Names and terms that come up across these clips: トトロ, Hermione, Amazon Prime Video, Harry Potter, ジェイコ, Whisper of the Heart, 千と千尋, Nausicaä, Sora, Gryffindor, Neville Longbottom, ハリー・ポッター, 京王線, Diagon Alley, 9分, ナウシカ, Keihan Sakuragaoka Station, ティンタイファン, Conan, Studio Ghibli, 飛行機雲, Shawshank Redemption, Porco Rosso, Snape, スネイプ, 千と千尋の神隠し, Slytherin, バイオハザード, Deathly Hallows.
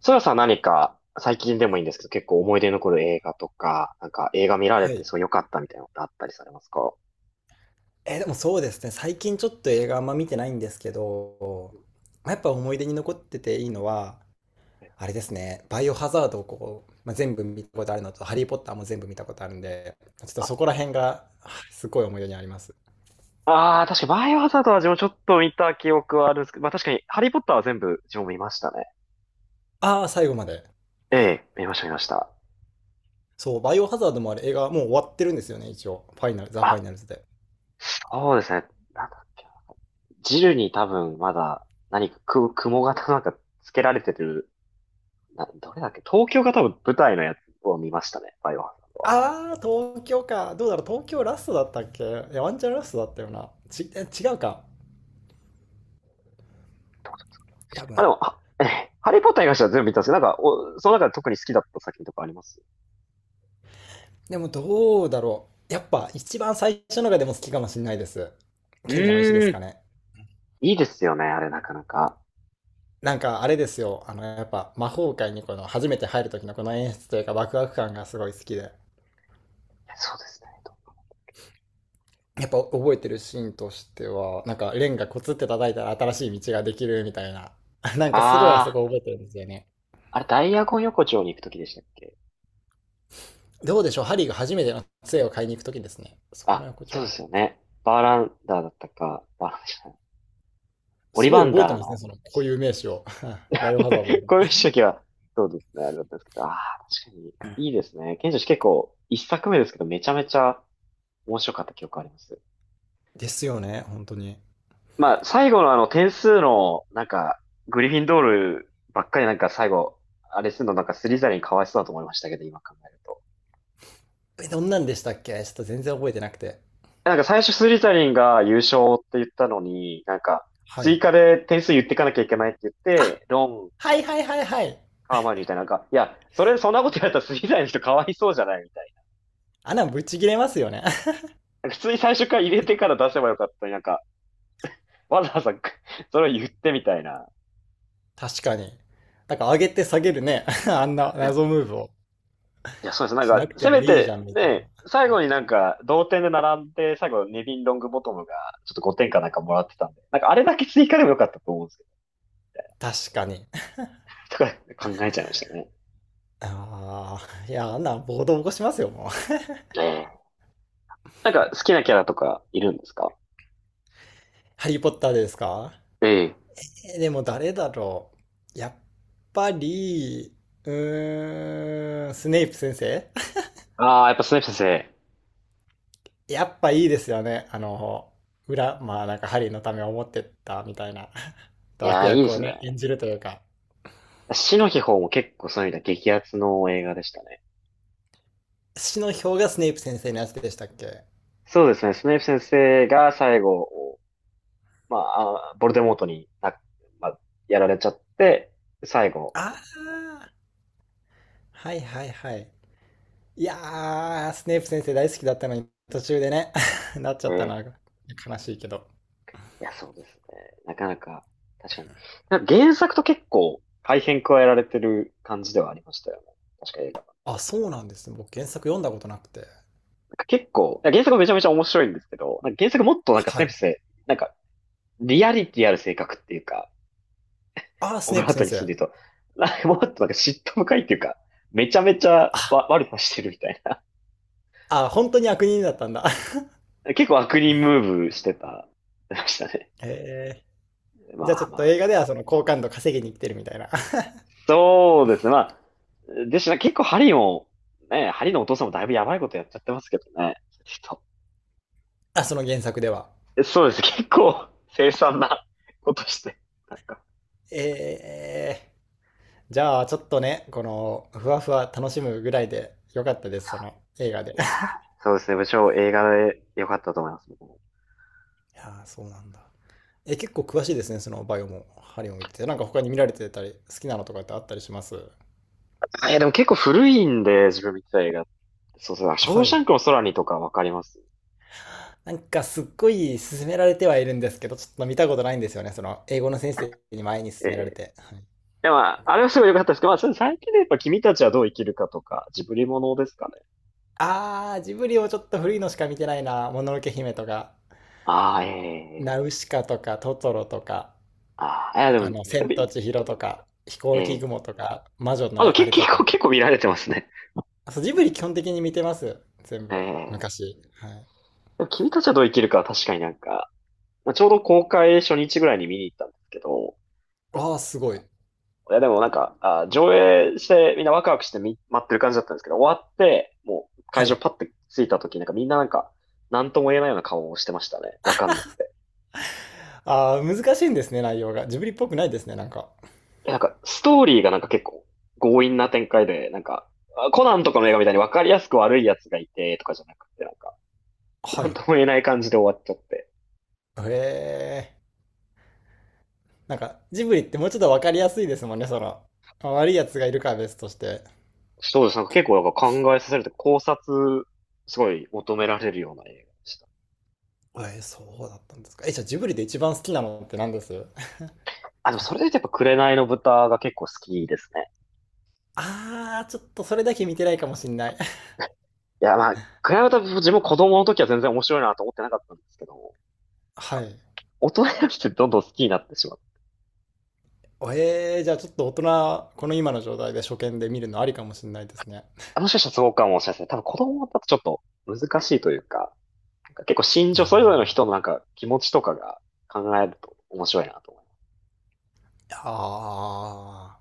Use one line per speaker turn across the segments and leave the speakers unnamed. ソラさん、何か最近でもいいんですけど、結構思い出に残る映画とか、映画見られ
は
て
い。
そう良かったみたいなのってあったりされますか？
でもそうですね。最近ちょっと映画あんま見てないんですけど、まあやっぱ思い出に残ってていいのは、あれですね。バイオハザードをこう、まあ、全部見たことあるのと、ハリー・ポッターも全部見たことあるんで、ちょっとそこら辺があすごい思い出にあります。
ああー、確かバイオハザードは自分ちょっと見た記憶はあるんですけど、まあ確かにハリーポッターは全部自分も見ましたね。
ああ、最後まで。
ええ、見ました見ました。
そう、バイオハザードもあれ映画もう終わってるんですよね、一応。ファイナル、ザ・ファ
あ、
イナルズで。
そうですね。なんだっけな。ジルに多分まだ何かく、雲型つけられてる、な、どれだっけ、東京が多分舞台のやつを見ましたね。バイオハザ
ああ、東京か。どうだろう、東京ラストだったっけ、いや、ワンチャンラストだったよな。違うか。
ード。ま
多
あ
分。
でも、あ、ええ、ハリーポッターに関しては全部見たんですけど、その中で特に好きだった作品とかあります？
でもどうだろう。やっぱ一番最初のがでも好きかもしれないです。
う
賢者の石です
ー
か
ん。
ね。
いいですよね、あれなかなか。
なんかあれですよ。あの、やっぱ魔法界にこの初めて入る時のこの演出というかワクワク感がすごい好きで。
いやそうですね。と、
やっぱ覚えてるシーンとしては、なんかレンガコツって叩いたら新しい道ができるみたいな。なんかすごいあそ
ああ、
こ覚えてるんですよね。
あれダイアゴン横丁に行くときでしたっけ？
どうでしょう、ハリーが初めての杖を買いに行く時ですね。そこの
あ、
横
そう
丁
で
だっ
すよ
た。
ね。バーランダーだったか、バーランダーじゃない、オ
す
リ
ご
バ
い
ン
覚え
ダ
て
ー
ますね。
の、
その固有名詞を。バイオハザードで も。
こういう時は、そうですね、あれだったんですけど、ああ、確かに、いいですね。賢者、結構、一作目ですけど、めちゃめちゃ面白かった記憶あります。
ですよね。本当に。
まあ、最後のあの、点数の、グリフィンドールばっかり最後、あれするのスリザリンかわいそうだと思いましたけど、今考えると。
えどんなんでしたっけ、ちょっと全然覚えてなくて。
最初スリザリンが優勝って言ったのに、
は
追
い。
加で点数言ってかなきゃいけないって言っ
あ、
て、ロン、
はいはいはいはい。
ハーマイオニーみたいな、いや、それ、そんなことやったらスリザリンの人かわいそうじゃないみたい
あんなんぶち切れますよね。
な。普通に最初から入れてから出せばよかったのに、わざわざ それを言ってみたいな。
確かに。だから上げて下げるね。あんな
いや、
謎ムーブを
いや、そうです。
しなくて
せめ
もいいじゃ
て、
ん、みたい
ね、最後に同点で並んで、最後、ネビン・ロングボトムが、ちょっと5点かなんかもらってたんで、あれだけ追加でもよかったと思うんですけど、
な。確かに。
だから考えちゃいましたね。
ああ、いや、あんなん暴動起こしますよ、もう。
ねえ、好きなキャラとかいるんですか？
ハリーポッターですか？
ええ。
でも誰だろう。やっぱり、うーん、スネイプ先生、
ああ、やっぱスネイプ先生。
やっぱいいですよね。あの、裏、まあなんかハリーのためを思ってったみたいな。
いや
悪
ー、いいで
役を
すね。
ね、演じるというか。
死の秘宝も結構そういう意味では激アツの映画でしたね。
死の票がスネイプ先生のやつでしたっけ？
そうですね。スネイプ先生が最後、まあ、あボルデモートにな、まあ、やられちゃって、最後。
ああー、はいはいはい。いやー、スネイプ先生大好きだったのに途中でね。 なっちゃったな、
え、
悲しいけど。
いや、そうですね。なかなか、確かに。原作と結構改変加えられてる感じではありましたよね。確か映画は。
あ、そうなんですね。僕原作読んだことなくて。
なんか結構、いや原作もめちゃめちゃ面白いんですけど、原作もっとス
は
ネイ
い。
プ先生、なんかリアリティある性格っていうか、
ああ、ス
オ
ネ
ブ
イ
ラ
プ
ート
先
に住ん
生。
でると、な、もっと嫉妬深いっていうか、めちゃめちゃ
あ、
わ悪さしてるみたいな。
あ、本当に悪人だったんだ。
結構悪人ムーブしてた、ましたね。
えー、じゃあち
ま
ょ
あ
っ
ま
と映
あ。
画ではその好感度稼ぎに来てるみたいな。
そうですね。まあ、でしたね結構ハリーも、ね、ハリーのお父さんもだいぶやばいことやっちゃってますけどね。ちょっ
あ、その原作では。
とそうです。結構凄惨なことして、なんか。
ええ、じゃあちょっとね、このふわふわ楽しむぐらいでよかったです、その映画で。
いや ー、そうですね。部長、映画で良かったと思います。僕も、
いやー、そうなんだ。え、結構詳しいですね、そのバイオもハリオも言ってて。なんか他に見られてたり、好きなのとかってあったりします？
あ、いや、でも結構古いんで、自分見てた映画。そうそう。ショー
は
シャ
い。
ンクの空にとかわかります。
なんかすっごい勧められてはいるんですけど、ちょっと見たことないんですよね、その英語の先生に前に勧められ
えー
て。はい、
でも、あれはすごい良かったですけど、まあ、それ最近でやっぱ君たちはどう生きるかとか、ジブリものですかね。
あー、ジブリをちょっと古いのしか見てないな。もののけ姫とか、
ああ、
ナ
え
ウ
え、
シカとか、トトロとか。
ああ、いやで
あ
も、
の、
で
千
も、
と千尋とか、飛行機
ええ、
雲とか、魔女
あ、でも
のあ
結
れと
結構、
か。
結構見られてますね。
あ、そう、ジブリ基本的に見てます。全部、
ええ、
昔。はい。
でも君たちはどう生きるかは確かにまあ、ちょうど公開初日ぐらいに見に行ったんですけど、あの、
ああ、すごい。
いやでもあ、上映してみんなワクワクしてみ、待ってる感じだったんですけど、終わって、もう
は
会場
い。
パッて着いた時なんかみんななんか、なんとも言えないような顔をしてましたね。わかんなくて。
ああ、難しいんですね、内容が。ジブリっぽくないですね、なんか。
ストーリーが結構強引な展開で、あコナンとかの映画みたいに分かりやすく悪いやつがいてとかじゃなくて、
は
な
い。
ん
へ
とも言えない感じで終わっちゃって。
え。なんか、ジブリってもうちょっとわかりやすいですもんね、その。まあ悪いやつがいるから別として。
そうです。なんか結構なんか考えさせると考察、すごい求められるような映画でした。
えー、そうだったんですか。え、じゃあジブリで一番好きなのって何です？
あ、でもそれで言うとやっぱ紅の豚が結構好きですね。
あー、ちょっとそれだけ見てないかもしんない。
いや、まあ、紅の豚、自分も子供の時は全然面白いなと思ってなかったんですけど、
は
か
い。
大人になってどんどん好きになってしまう。
えー、じゃあちょっと大人、この今の状態で初見で見るのありかもしれないですね。
あ、もしかしたらそうかもしれないですね。多分子供だとちょっと難しいというか、結構心情、それぞれ
あ、
の人の気持ちとかが考えると面白いなと思
いやー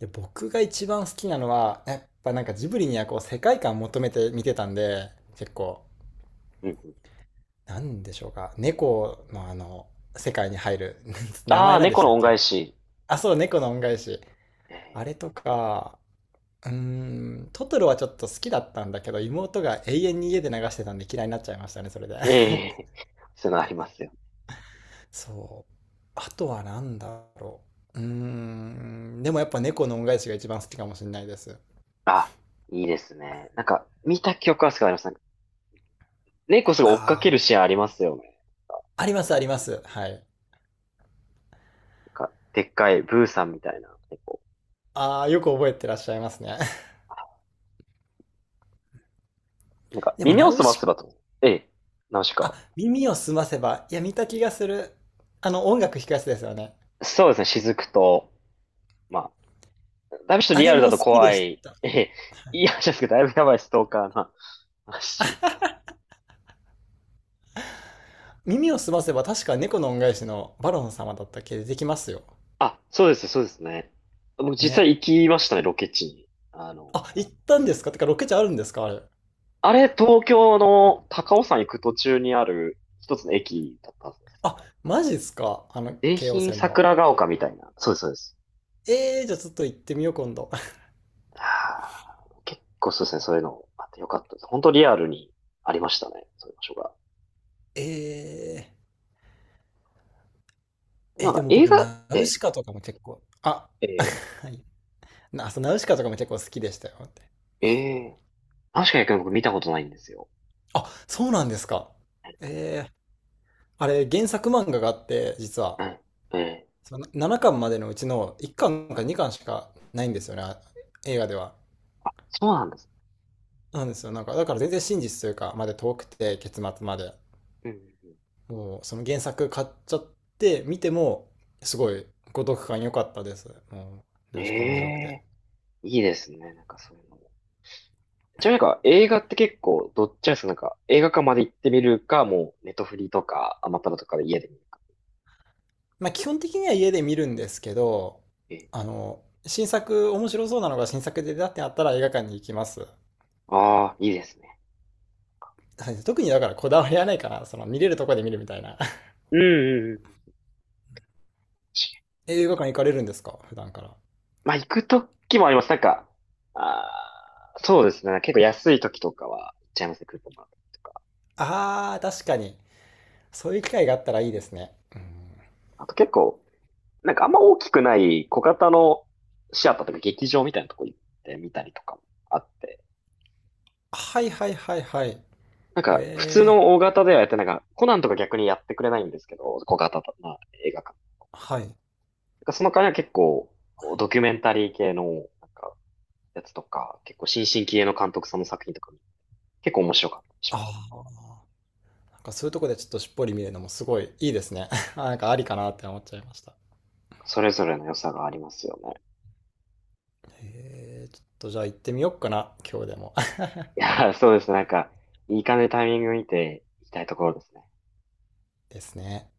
で僕が一番好きなのは、やっぱなんかジブリにはこう世界観求めて見てたんで、結構、
います。うんうん、
なんでしょうか、猫のあの、世界に入る、名
あ
前
あ、
なんで
猫
した
の
っ
恩
け？
返し。
あ、そう、猫の恩返し。
え
あれとか、うーん、トトロはちょっと好きだったんだけど、妹が永遠に家で流してたんで嫌いになっちゃいましたね、それで。
ー、えー、そういうのありますよ。
そう。あとは何だろう。うーん。でもやっぱ猫の恩返しが一番好きかもしれないです。
あ、いいですね。見た記憶はすごいあります。なんか猫すごい追っか
あ
ける
あ。
シーンありますよね。
ありますあ
なん
ります。はい。
でっかいブーさんみたいな猫。
ああ、よく覚えてらっしゃいますね。でも
耳
ナ
をす
ウ
ませ
シ、
ばと。ええ、ナウシ
あ、
カ。
耳をすませば。いや、見た気がする。あの、音楽弾くやつですよね。
そうですね、雫と、まあ、だいぶちょっと
あ
リ
れ
アルだ
も
と
好きで
怖
し
い。
た。
ええ、いい話ですけど、だいぶやばいストーカーな話。
耳をすませば確か猫の恩返しのバロン様だったっけ、出てきますよ。
あ、そうです、そうですね。僕実際
ね。
行きましたね、ロケ地に。あの、
あ、行ったんですか？てかロケ地あるんですかあれ？
あれ、東京の高尾山行く途中にある一つの駅だったはずです。
あ、マジっすか、あの、
京
京王
浜
線の。
桜ヶ丘みたいな。そうです、そうです。
ええー、じゃあちょっと行ってみよう今度。
はあ結構そうですね、そういうのあってよかったです。本当リアルにありましたね、そういう場所が。
えー、
な
え、
ん
で
か
も
映
僕、
画、
ナウ
え、
シカとかも結構、あ、
え
はい。な、そう、ナウシカとかも結構好きでしたよ。
ー、えー、確かに僕見たことないんですよ。
あ、そうなんですか。えー、あれ、原作漫画があって、実
う
は、
ん、えー、
その7巻までのうちの1巻か2巻しかないんですよね、あ映画では。
そうなんです。
なんですよ。なんか、だから全然真実というか、まで遠くて、結末まで。
うん、うんう
もう、その原作買っちゃって、見ても、すごい、ご読感良かったです。もう、
ん、
ナウシカ面白くて。
ええ、いいですね、なんかそういうの。じゃあ映画って結構どっちなんですか？映画館まで行ってみるか、もうネットフリとかアマプラとかで家で見るか。
まあ、基本的には家で見るんですけど、
ええ、
あの、新作、面白そうなのが新作で出たってなったら映画館に行きます。
ああ、いいですね。
はい、特にだからこだわりはないかな。その見れるとこで見るみたいな。
うんうんうん。確かに、
映画館行かれるんですか普段から？
まあ行くときもあります。ああ、そうですね。結構安いときとかは行っちゃいますね。クーポンもらったりとか。
あー、確かに。そういう機会があったらいいですね。うん。
あと結構、あんま大きくない小型のシアターとか劇場みたいなとこ行ってみたりとかもあって。
はいはいはいはい。
なんか普通
え
の大型ではやってコナンとか逆にやってくれないんですけど、小型な映画館。
ー、はい。
なんかその代わりは結構、ドキュメンタリー系の、なんか、やつとか、結構新進気鋭の監督さんの作品とかも、結構面白かったりし
あ
ます。
ー、なんかそういうとこでちょっとしっぽり見るのもすごいいいですね。あなんかありかなって思っちゃいました。
それぞれの良さがありますよね。
えー、ちょっとじゃあ行ってみよっかな。今日でも。
いやー、そうですね。なんか、いい感じでタイミング見ていきたいところですね。
ですね。